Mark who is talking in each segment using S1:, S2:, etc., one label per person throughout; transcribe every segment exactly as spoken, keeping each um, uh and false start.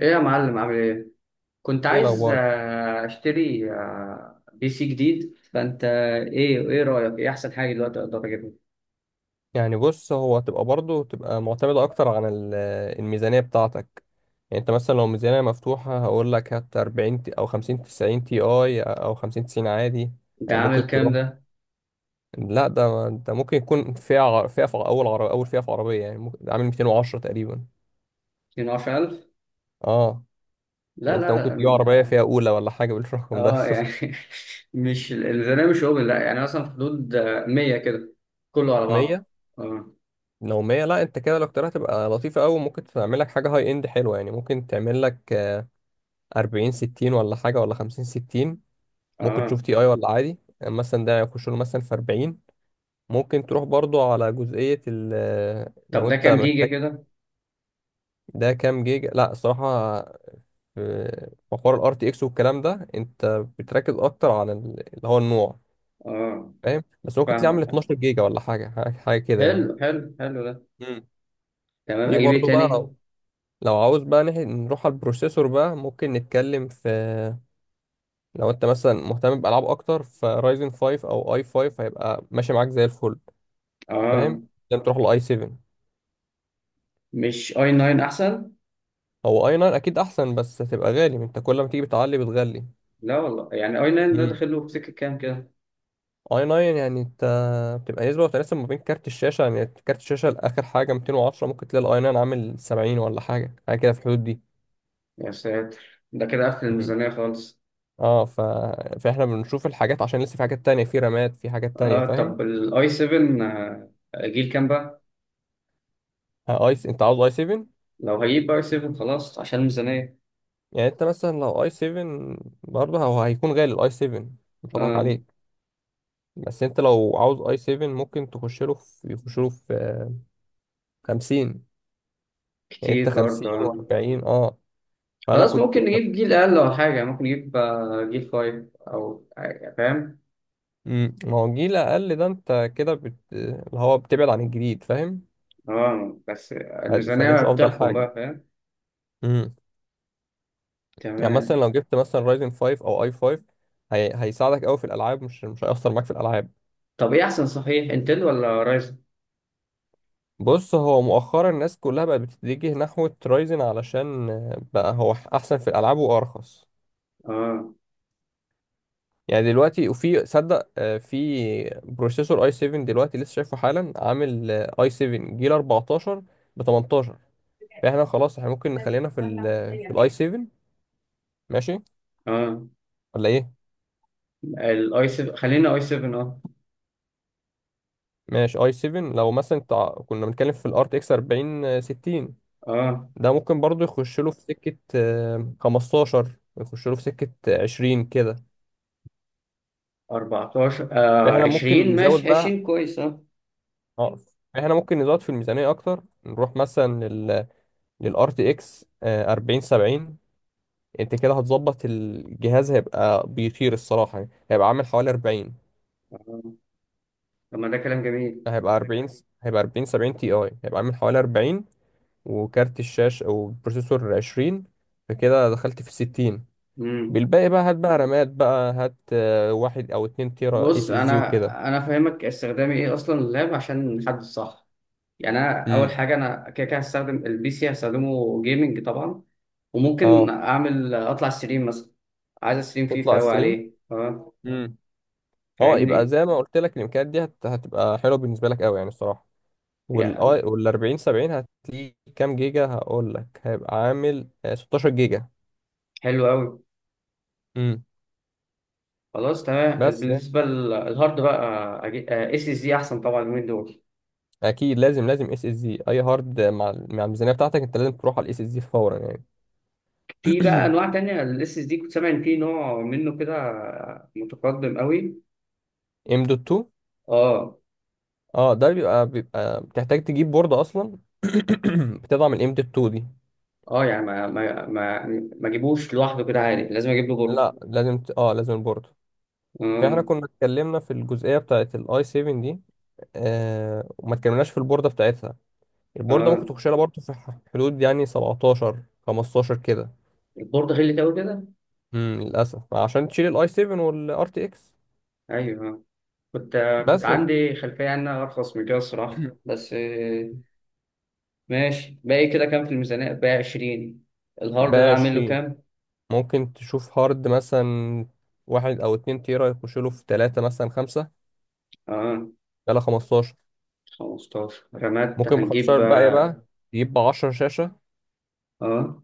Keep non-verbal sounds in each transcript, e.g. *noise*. S1: ايه يا معلم، عامل ايه؟ كنت
S2: ايه
S1: عايز
S2: الاخبار؟
S1: آه، اشتري آه، بي سي جديد، فانت ايه ايه رايك؟ ايه احسن حاجه دلوقتي اقدر اجيبها؟
S2: يعني بص، هو هتبقى برضه تبقى معتمده اكتر عن ال- الميزانيه بتاعتك. يعني انت مثلا لو ميزانيه مفتوحه هقول لك هات أربعين تي- او خمسين تسعين تي اي، او خمسين تسعين عادي.
S1: انت
S2: آه،
S1: عامل
S2: ممكن
S1: كام
S2: تروح.
S1: ده؟
S2: لا، ده ده ممكن يكون فئه ع- فئه في اول عربيه، اول فئه في عربيه، يعني ممكن ده عامل ميتين وعشرة تقريبا.
S1: اثني عشر ألف.
S2: اه يعني
S1: لا
S2: انت
S1: لا
S2: ممكن
S1: لا،
S2: تجيب عربيه
S1: م-
S2: فئه اولى ولا حاجه بالرقم ده.
S1: اه يعني
S2: *laughs*
S1: *laughs* مش الميزانيه، مش اوبن، لا يعني مثلا في حدود آه، مية كده، كله على بعضه.
S2: ميه؟
S1: اه،
S2: لو ميه لا، انت كده لو اخترتها تبقى لطيفه قوي، ممكن تعمل لك حاجه هاي اند حلوه، يعني ممكن تعمل لك أربعين ستين ولا حاجة، ولا خمسين ستين. ممكن
S1: اه.
S2: تشوف تي اي ولا عادي، يعني مثلا ده يخش له مثلا في أربعين. ممكن تروح برضو على جزئية ال
S1: طب
S2: لو
S1: ده
S2: انت
S1: كام جيجا
S2: محتاج.
S1: كده؟
S2: ده كام جيجا؟ لا، الصراحة في في حوار الار تي اكس والكلام ده انت بتركز اكتر على ال- اللي هو النوع.
S1: اه،
S2: فاهم؟ بس ممكن تلاقيه عامل
S1: فاهمك.
S2: اتناشر جيجا ولا حاجة حاجة حاجة كده
S1: حلو
S2: يعني.
S1: حلو حلو ده.
S2: مم.
S1: تمام،
S2: في
S1: اجيب ايه
S2: برضو بقى،
S1: تاني؟
S2: لو لو عاوز بقى نح- نروح على البروسيسور بقى، ممكن نتكلم في، لو انت مثلا مهتم بألعاب اكتر، فرايزن خمسة او اي خمسة هيبقى ماشي معاك زي الفل. فاهم؟
S1: اه،
S2: لازم تروح لاي سبعة.
S1: مش اي تسعة احسن؟
S2: هو اي تسعة اكيد احسن، بس هتبقى غالي، انت كل ما تيجي بتعلي بتغلي.
S1: لا والله، يعني اي تسعة ده
S2: امم
S1: داخل له في سكه كام كده؟
S2: اي تسعة يعني انت بتبقى نسبة وتناسب ما بين كارت الشاشة، يعني كارت الشاشة لآخر حاجة مئتين وعشرة، ممكن تلاقي الاي تسعة عامل سبعين ولا حاجة حاجة كده في الحدود دي.
S1: يا ساتر، ده كده قفل
S2: امم
S1: الميزانية خالص.
S2: اه ف... فاحنا بنشوف الحاجات، عشان لسه في حاجات تانية، في رامات، في حاجات تانية.
S1: اه
S2: فاهم؟
S1: طب الاي سبعة جيل كام بقى؟
S2: آه، اي س- انت عاوز اي سبعة؟
S1: لو هجيب اي سبعة خلاص عشان الميزانية.
S2: يعني انت مثلا لو اي سبعة برضه هو هيكون غالي الاي سبعة، مش هضحك
S1: آه
S2: عليك. بس انت لو عاوز اي سبعة ممكن تخش له في، يخش له في خمسين. يعني انت
S1: كتير برضه
S2: خمسين
S1: آه.
S2: و40، اه. فانا
S1: خلاص،
S2: كنت.
S1: ممكن نجيب جيل اقل ولا حاجة، ممكن نجيب آه، جيل خمسة او آه، فاهم.
S2: مم. ما هو الجيل اقل ده، انت كده بت... اللي هو بتبعد عن الجديد، فاهم؟
S1: اه بس
S2: فدي فدي
S1: الميزانية
S2: مش افضل
S1: بتحكم
S2: حاجه.
S1: بقى، فاهم.
S2: امم يعني مثلا
S1: تمام.
S2: لو جبت مثلا رايزن خمسة او اي خمسة، هي... هيساعدك قوي في الالعاب، مش مش هيأثر معاك في الالعاب.
S1: طب ايه احسن صحيح، انتل ولا رايزن؟
S2: بص، هو مؤخرا الناس كلها بقت بتتجه نحو رايزن علشان، آه، بقى هو احسن في الالعاب وارخص
S1: اه.
S2: يعني دلوقتي. وفي صدق آه، في بروسيسور اي سبعة دلوقتي لسه شايفه حالا، عامل اي سبعة جيل أربعة عشر ب تمنتاشر. فاحنا خلاص، احنا ممكن نخلينا في ال في الاي سبعة. ماشي،
S1: اه
S2: ولا ايه؟
S1: الاي سبعة، خلينا اي سبعة اه.
S2: ماشي اي سبعة. لو مثلا تع... كنا بنتكلم في الار تي اكس أربعين ستين،
S1: اه
S2: ده ممكن برضو يخش له في سكة آه، خمستاشر، يخش له في سكة عشرين كده.
S1: اربعة عشر، آه
S2: فاحنا ممكن
S1: عشرين،
S2: نزود
S1: ماشي
S2: بقى.
S1: عشرين كويس اه.
S2: اه، احنا ممكن نزود في الميزانية اكتر، نروح مثلا لل، للار تي اكس أربعين سبعين. انت كده هتظبط الجهاز، هيبقى بيطير الصراحة يعني. هيبقى عامل حوالي أربعين.
S1: آه. طب ما ده كلام جميل.
S2: هيبقى أربعين هيبقى أربعين سبعين تي اي هيبقى عامل حوالي أربعين، وكارت الشاشة أو بروسيسور عشرين، فكده دخلت في الستين.
S1: امم
S2: بالباقي بقى هات بقى رامات بقى، هات آه، واحد أو اتنين تيرا
S1: بص،
S2: اس اس دي وكده.
S1: انا انا فاهمك استخدامي ايه اصلا اللاب عشان نحدد صح. يعني انا اول
S2: امم
S1: حاجه انا كده كده هستخدم البي سي، هستخدمه جيمنج طبعا، وممكن
S2: اه،
S1: اعمل اطلع ستريم مثلا. عايز استريم فيفا
S2: تطلع
S1: قوي
S2: السليم.
S1: عليه، تمام؟
S2: امم اه، يبقى
S1: فاهمني.
S2: زي ما قلت لك، الامكانيات دي هت... هتبقى حلوه بالنسبه لك قوي يعني الصراحه. والاي
S1: يعني
S2: وال أربعين سبعين هتلاقيه كام جيجا، هقول لك هيبقى عامل آه، ستاشر جيجا.
S1: حلو قوي.
S2: امم
S1: خلاص تمام.
S2: بس يعني،
S1: بالنسبه للهارد بقى، اس اس دي احسن طبعا من دول.
S2: اكيد لازم لازم اس اس دي، اي هارد مع مع الميزانيه بتاعتك انت لازم تروح على الاس اس دي فورا يعني.
S1: في بقى انواع تانية الاس اس دي، كنت سامع ان في نوع منه كده متقدم قوي.
S2: *clears throat* ام دوت.
S1: اه.
S2: اه، ده بيبقى بيبقى بتحتاج تجيب بوردة اصلا. *clears throat* بتضع من قيمة التو دي.
S1: اه يعني، ما ما ما ما اجيبوش لوحده كده عادي، لازم اجيب له بورد؟
S2: لا، لازم ت... اه لازم البوردة. فاحنا
S1: اه.
S2: كنا اتكلمنا في الجزئية بتاعت الاي سبعة دي، آه وما اتكلمناش في البوردة بتاعتها. البوردة ممكن
S1: اه
S2: تخش لها برضه في ح- حدود يعني سبعتاشر خمستاشر كده.
S1: البورد غلي قوي كده.
S2: امم للأسف، عشان تشيل الاي سبعة والار تي اكس.
S1: ايوه آه. كنت كنت
S2: بس يعني،
S1: عندي خلفيه انها ارخص من كده الصراحه، بس آه، ماشي. باقي كده كام في الميزانيه؟ باقي عشرين. الهارد
S2: بقى
S1: ده اعمل له
S2: عشرين.
S1: كام؟
S2: ممكن تشوف هارد مثلا، واحد او اتنين تيرا، يخش له في تلاتة مثلا، خمسة.
S1: اه
S2: بقى خمستاشر.
S1: خمستاشر، رامات
S2: ممكن ب خمستاشر
S1: هنجيب.
S2: بقى بقى تجيب ب عشرة شاشة.
S1: اه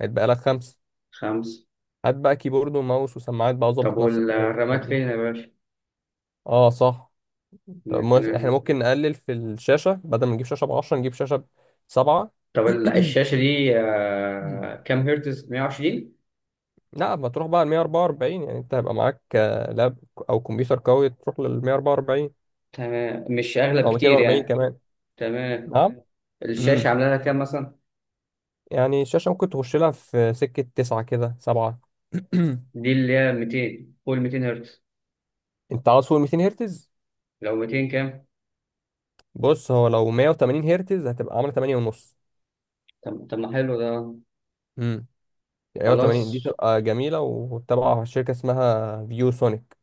S2: هيتبقى لك خمسة.
S1: خمس.
S2: هات بقى كيبورد وماوس وسماعات بقى،
S1: طب
S2: وظبط نفسك يعني بالحاجات
S1: والرامات
S2: دي.
S1: فين يا باشا؟
S2: اه صح. طب
S1: من
S2: مو- احنا
S1: فين؟
S2: ممكن نقلل في الشاشة، بدل ما نجيب شاشة ب عشرة، نجيب شاشة ب سبعة.
S1: طب ال- الشاشه
S2: *coughs*
S1: دي آه،
S2: *clears throat*
S1: كام هرتز، مية وعشرين؟
S2: لا، ما تروح بقى ال مائة وأربعة وأربعين، يعني انت هيبقى معاك آه، لاب او كمبيوتر قوي، تروح لل ميه وأربعة وأربعين،
S1: تمام، مش اغلى
S2: او
S1: بكتير
S2: ميتين وأربعين
S1: يعني.
S2: كمان.
S1: تمام.
S2: نعم. امم
S1: الشاشة عاملة لها كام مثلا؟
S2: يعني الشاشة ممكن تخش لها في سكة تسعة كده، سبعة. *coughs*
S1: دي اللي هي ميتين، فوق ميتين هرتز؟
S2: *clears throat* انت عاوز فوق ال ميتين هرتز.
S1: لو ميتين كام؟
S2: بص، هو لو ميه وتمانين هرتز هتبقى عامله تمانية ونص.
S1: طب طب ما حلو ده.
S2: امم يعني تمانين دي
S1: خلاص
S2: تبقى جميلة، وتبع شركة اسمها فيو سونيك.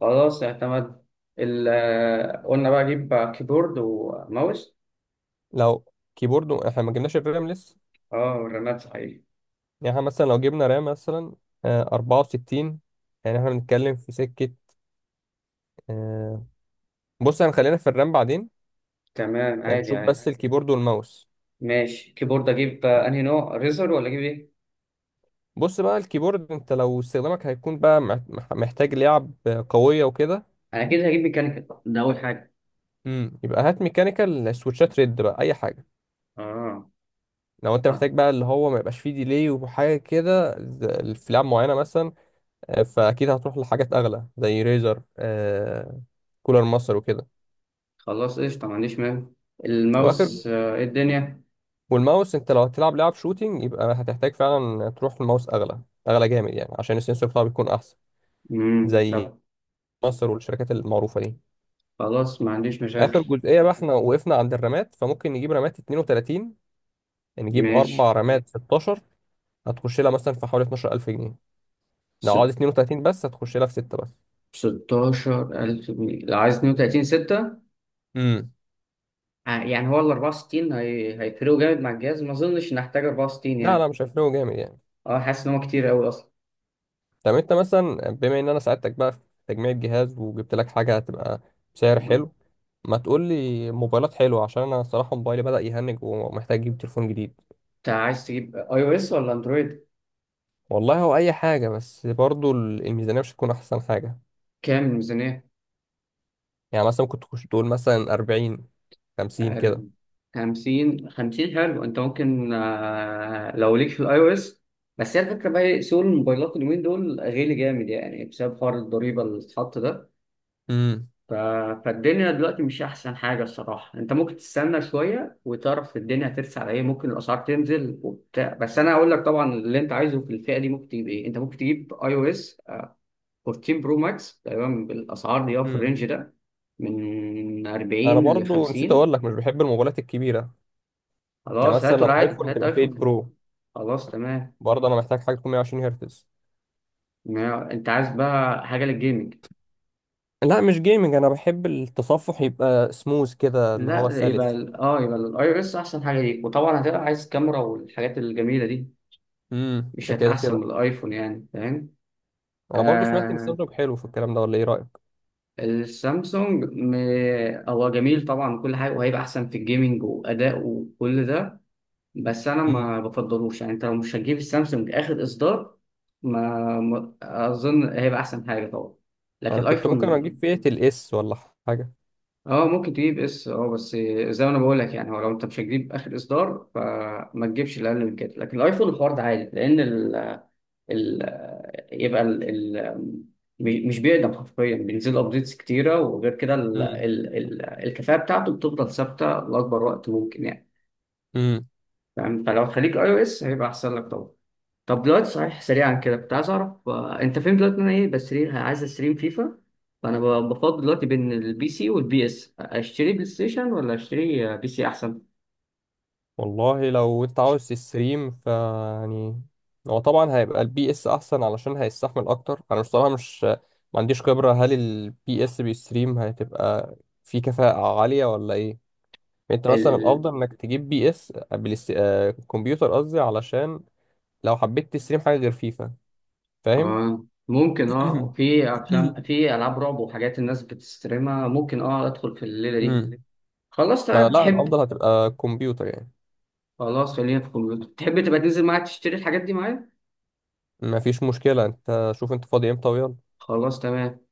S1: خلاص، اعتمد. ال- آه، قلنا بقى أجيب كيبورد وماوس.
S2: *clears throat* لو كيبورد، احنا ما جبناش الرام لسه.
S1: اه. والرامات صحيح.
S2: يعني احنا مثلا لو جبنا رام مثلا آه، أربعة وستين، يعني احنا بنتكلم في سكة آه، بص هنخلينا في الرام بعدين،
S1: تمام،
S2: يعني
S1: عادي
S2: نشوف
S1: عادي.
S2: بس الكيبورد والماوس.
S1: ماشي، كيبورد أجيب آه، أنهي نوع، ريزر ولا أجيب إيه؟
S2: بص بقى، الكيبورد انت لو استخدامك هيكون بقى مح- مح- محتاج لعب قوية وكده.
S1: أنا أكيد هجيب ميكانيكال، ده أول حاجة.
S2: امم يبقى هات ميكانيكال، سويتشات ريد بقى، اي حاجة.
S1: اه،
S2: لو انت
S1: خ-
S2: محتاج بقى اللي هو ما يبقاش فيه ديلي وحاجة كده، ز- في لعب معينة مثلا. آه، فاكيد هتروح لحاجات اغلى زي ريزر، آه، كولر ماستر وكده.
S1: خلاص، قشطة، ما عنديش مانع.
S2: واخر.
S1: الماوس آه، إيه الدنيا؟
S2: والماوس انت لو هتلعب لعب شوتينج، يبقى هتحتاج فعلا تروح لماوس اغلى، اغلى جامد يعني عشان السنسور بتاعه بيكون احسن.
S1: مم.
S2: زي
S1: طب.
S2: ماستر والشركات المعروفه دي.
S1: خلاص، ما عنديش مشاكل.
S2: اخر جزئيه بقى، احنا وقفنا عند الرامات، فممكن نجيب رامات اتنين وتلاتين، نجيب اربع
S1: ماشي.
S2: رامات ستاشر، هتخش لها مثلا في حوالي اتناشر ألف جنيه. لو عاوز اثنين وثلاثين بس هتخش لها في ستة بس.
S1: ستاشر ألف جنيه، لو عايز اتنين وتلاتين ستة؟
S2: امم
S1: آه، يعني هو ال اربعة وستين، هي... هيفرقوا جامد مع الجهاز؟ ما أظنش إن أحتاج اربعة وستين
S2: لا لا،
S1: يعني.
S2: مش هيفرقوا جامد يعني.
S1: أه، حاسس إن هو كتير أوي أصلا.
S2: طب، انت مثلا، بما ان انا ساعدتك بقى في تجميع الجهاز، وجبت لك حاجه هتبقى بسعر
S1: مم.
S2: حلو، ما تقول لي موبايلات حلوه، عشان انا الصراحه موبايلي بدأ يهنج ومحتاج اجيب تليفون جديد.
S1: أنت عايز تجيب أي أو إس ولا أندرويد؟
S2: والله، هو اي حاجه، بس برضو ال- الميزانيه مش هتكون احسن حاجه.
S1: كام الميزانية؟
S2: يعني مثلا كنت تخش تقول مثلا أربعين خمسين
S1: أر-
S2: كده.
S1: خمسين خمسين حلو. أنت ممكن آه، لو ليك في الأي أو إس. بس هي الفكرة بقى إيه، سوق الموبايلات اليومين دول غالي جامد يعني، بسبب حوار الضريبة اللي اتحط ده.
S2: امم
S1: ف... فالدنيا دلوقتي مش احسن حاجه الصراحه، انت ممكن تستنى شويه وتعرف الدنيا هترسى على ايه، ممكن الاسعار تنزل وبتاع. بس انا هقول لك طبعا اللي انت عايزه في الفئه دي ممكن تجيب ايه. انت ممكن تجيب اي او اس اربعتاشر برو ماكس تقريبا بالاسعار دي، أو في
S2: امم
S1: الرينج ده من
S2: انا
S1: اربعين ل
S2: برضو نسيت اقول
S1: خمسين.
S2: لك، مش بحب الموبايلات الكبيره. يعني
S1: خلاص،
S2: مثلا
S1: هاته
S2: لو
S1: العادي،
S2: ايفون
S1: هات
S2: تبقى فئه
S1: ايفون برو.
S2: برو،
S1: خلاص تمام.
S2: برضه انا محتاج حاجه تكون ميه وعشرين هرتز.
S1: ما انت عايز بقى حاجه للجيمنج.
S2: لا، مش جيمنج، انا بحب التصفح يبقى سموث كده، اللي هو
S1: لا، يبقى
S2: سلس.
S1: ال- اه يبقى الاي او اس احسن حاجه ليك، وطبعا هتبقى عايز كاميرا والحاجات الجميله دي.
S2: امم
S1: مش
S2: ده
S1: هتلاقي
S2: كده
S1: احسن
S2: كده.
S1: من الايفون، يعني فاهم.
S2: انا برضو سمعت ان
S1: آه،
S2: سامسونج حلو في الكلام ده، ولا ايه رايك؟
S1: السامسونج م... هو جميل طبعا وكل حاجه، وهيبقى احسن في الجيمنج واداء وكل ده. بس انا
S2: امم
S1: ما بفضلوش يعني، انت لو مش هتجيب السامسونج اخر اصدار، ما ما- اظن هيبقى احسن حاجه طبعا. لكن
S2: انا كنت ممكن
S1: الايفون،
S2: اجيب فئه الاس، ولا حاجه.
S1: اه، ممكن تجيب اس اه، بس زي ما انا بقول لك يعني. هو لو انت مش هتجيب اخر اصدار، فما تجيبش الاقل من كده. لكن الايفون الحوار ده عادي، لان ال... يبقى ال... ال... مش بيقدم حرفيا، بينزل له ابديتس كتيره. وغير كده ال...
S2: امم
S1: ال... ال... الكفاءه بتاعته بتفضل ثابته لاكبر وقت ممكن يعني.
S2: امم
S1: فاهم. فلو خليك اي او اس هيبقى احسن لك طبعا. طب دلوقتي، صحيح، سريعا كده، كنت عايز اعرف آه، انت فين دلوقتي. إن انا ايه بستريم، عايز استريم فيفا، فانا ب- بفضل دلوقتي بين البي سي والبي اس. اشتري بلاي ستيشن ولا اشتري آه، بي سي
S2: والله، لو انت عاوز تستريم، ف يعني هو طبعا هيبقى البي اس احسن، علشان هيستحمل اكتر. انا بصراحه مش ما عنديش خبره، هل البي اس بيستريم هتبقى في كفاءه عاليه ولا ايه. انت مثلا
S1: احسن؟
S2: الافضل انك تجيب بي اس بلس... آه... كمبيوتر قصدي، علشان لو حبيت تستريم حاجه غير فيفا، فاهم؟
S1: اه ممكن، اه،
S2: *coughs*
S1: في افلام، في العاب رعب وحاجات الناس بتستريمها، ممكن، اه، ادخل في الليله
S2: *coughs*
S1: دي.
S2: مم.
S1: خلاص تمام.
S2: فلا،
S1: تحب
S2: الافضل هتبقى كمبيوتر يعني.
S1: خلاص خلينا في الكمبيوتر. تحب تبقى تنزل معايا تشتري الحاجات دي معايا؟
S2: ما فيش مشكله، انت شوف انت فاضي امتى ويلا.
S1: خلاص تمام.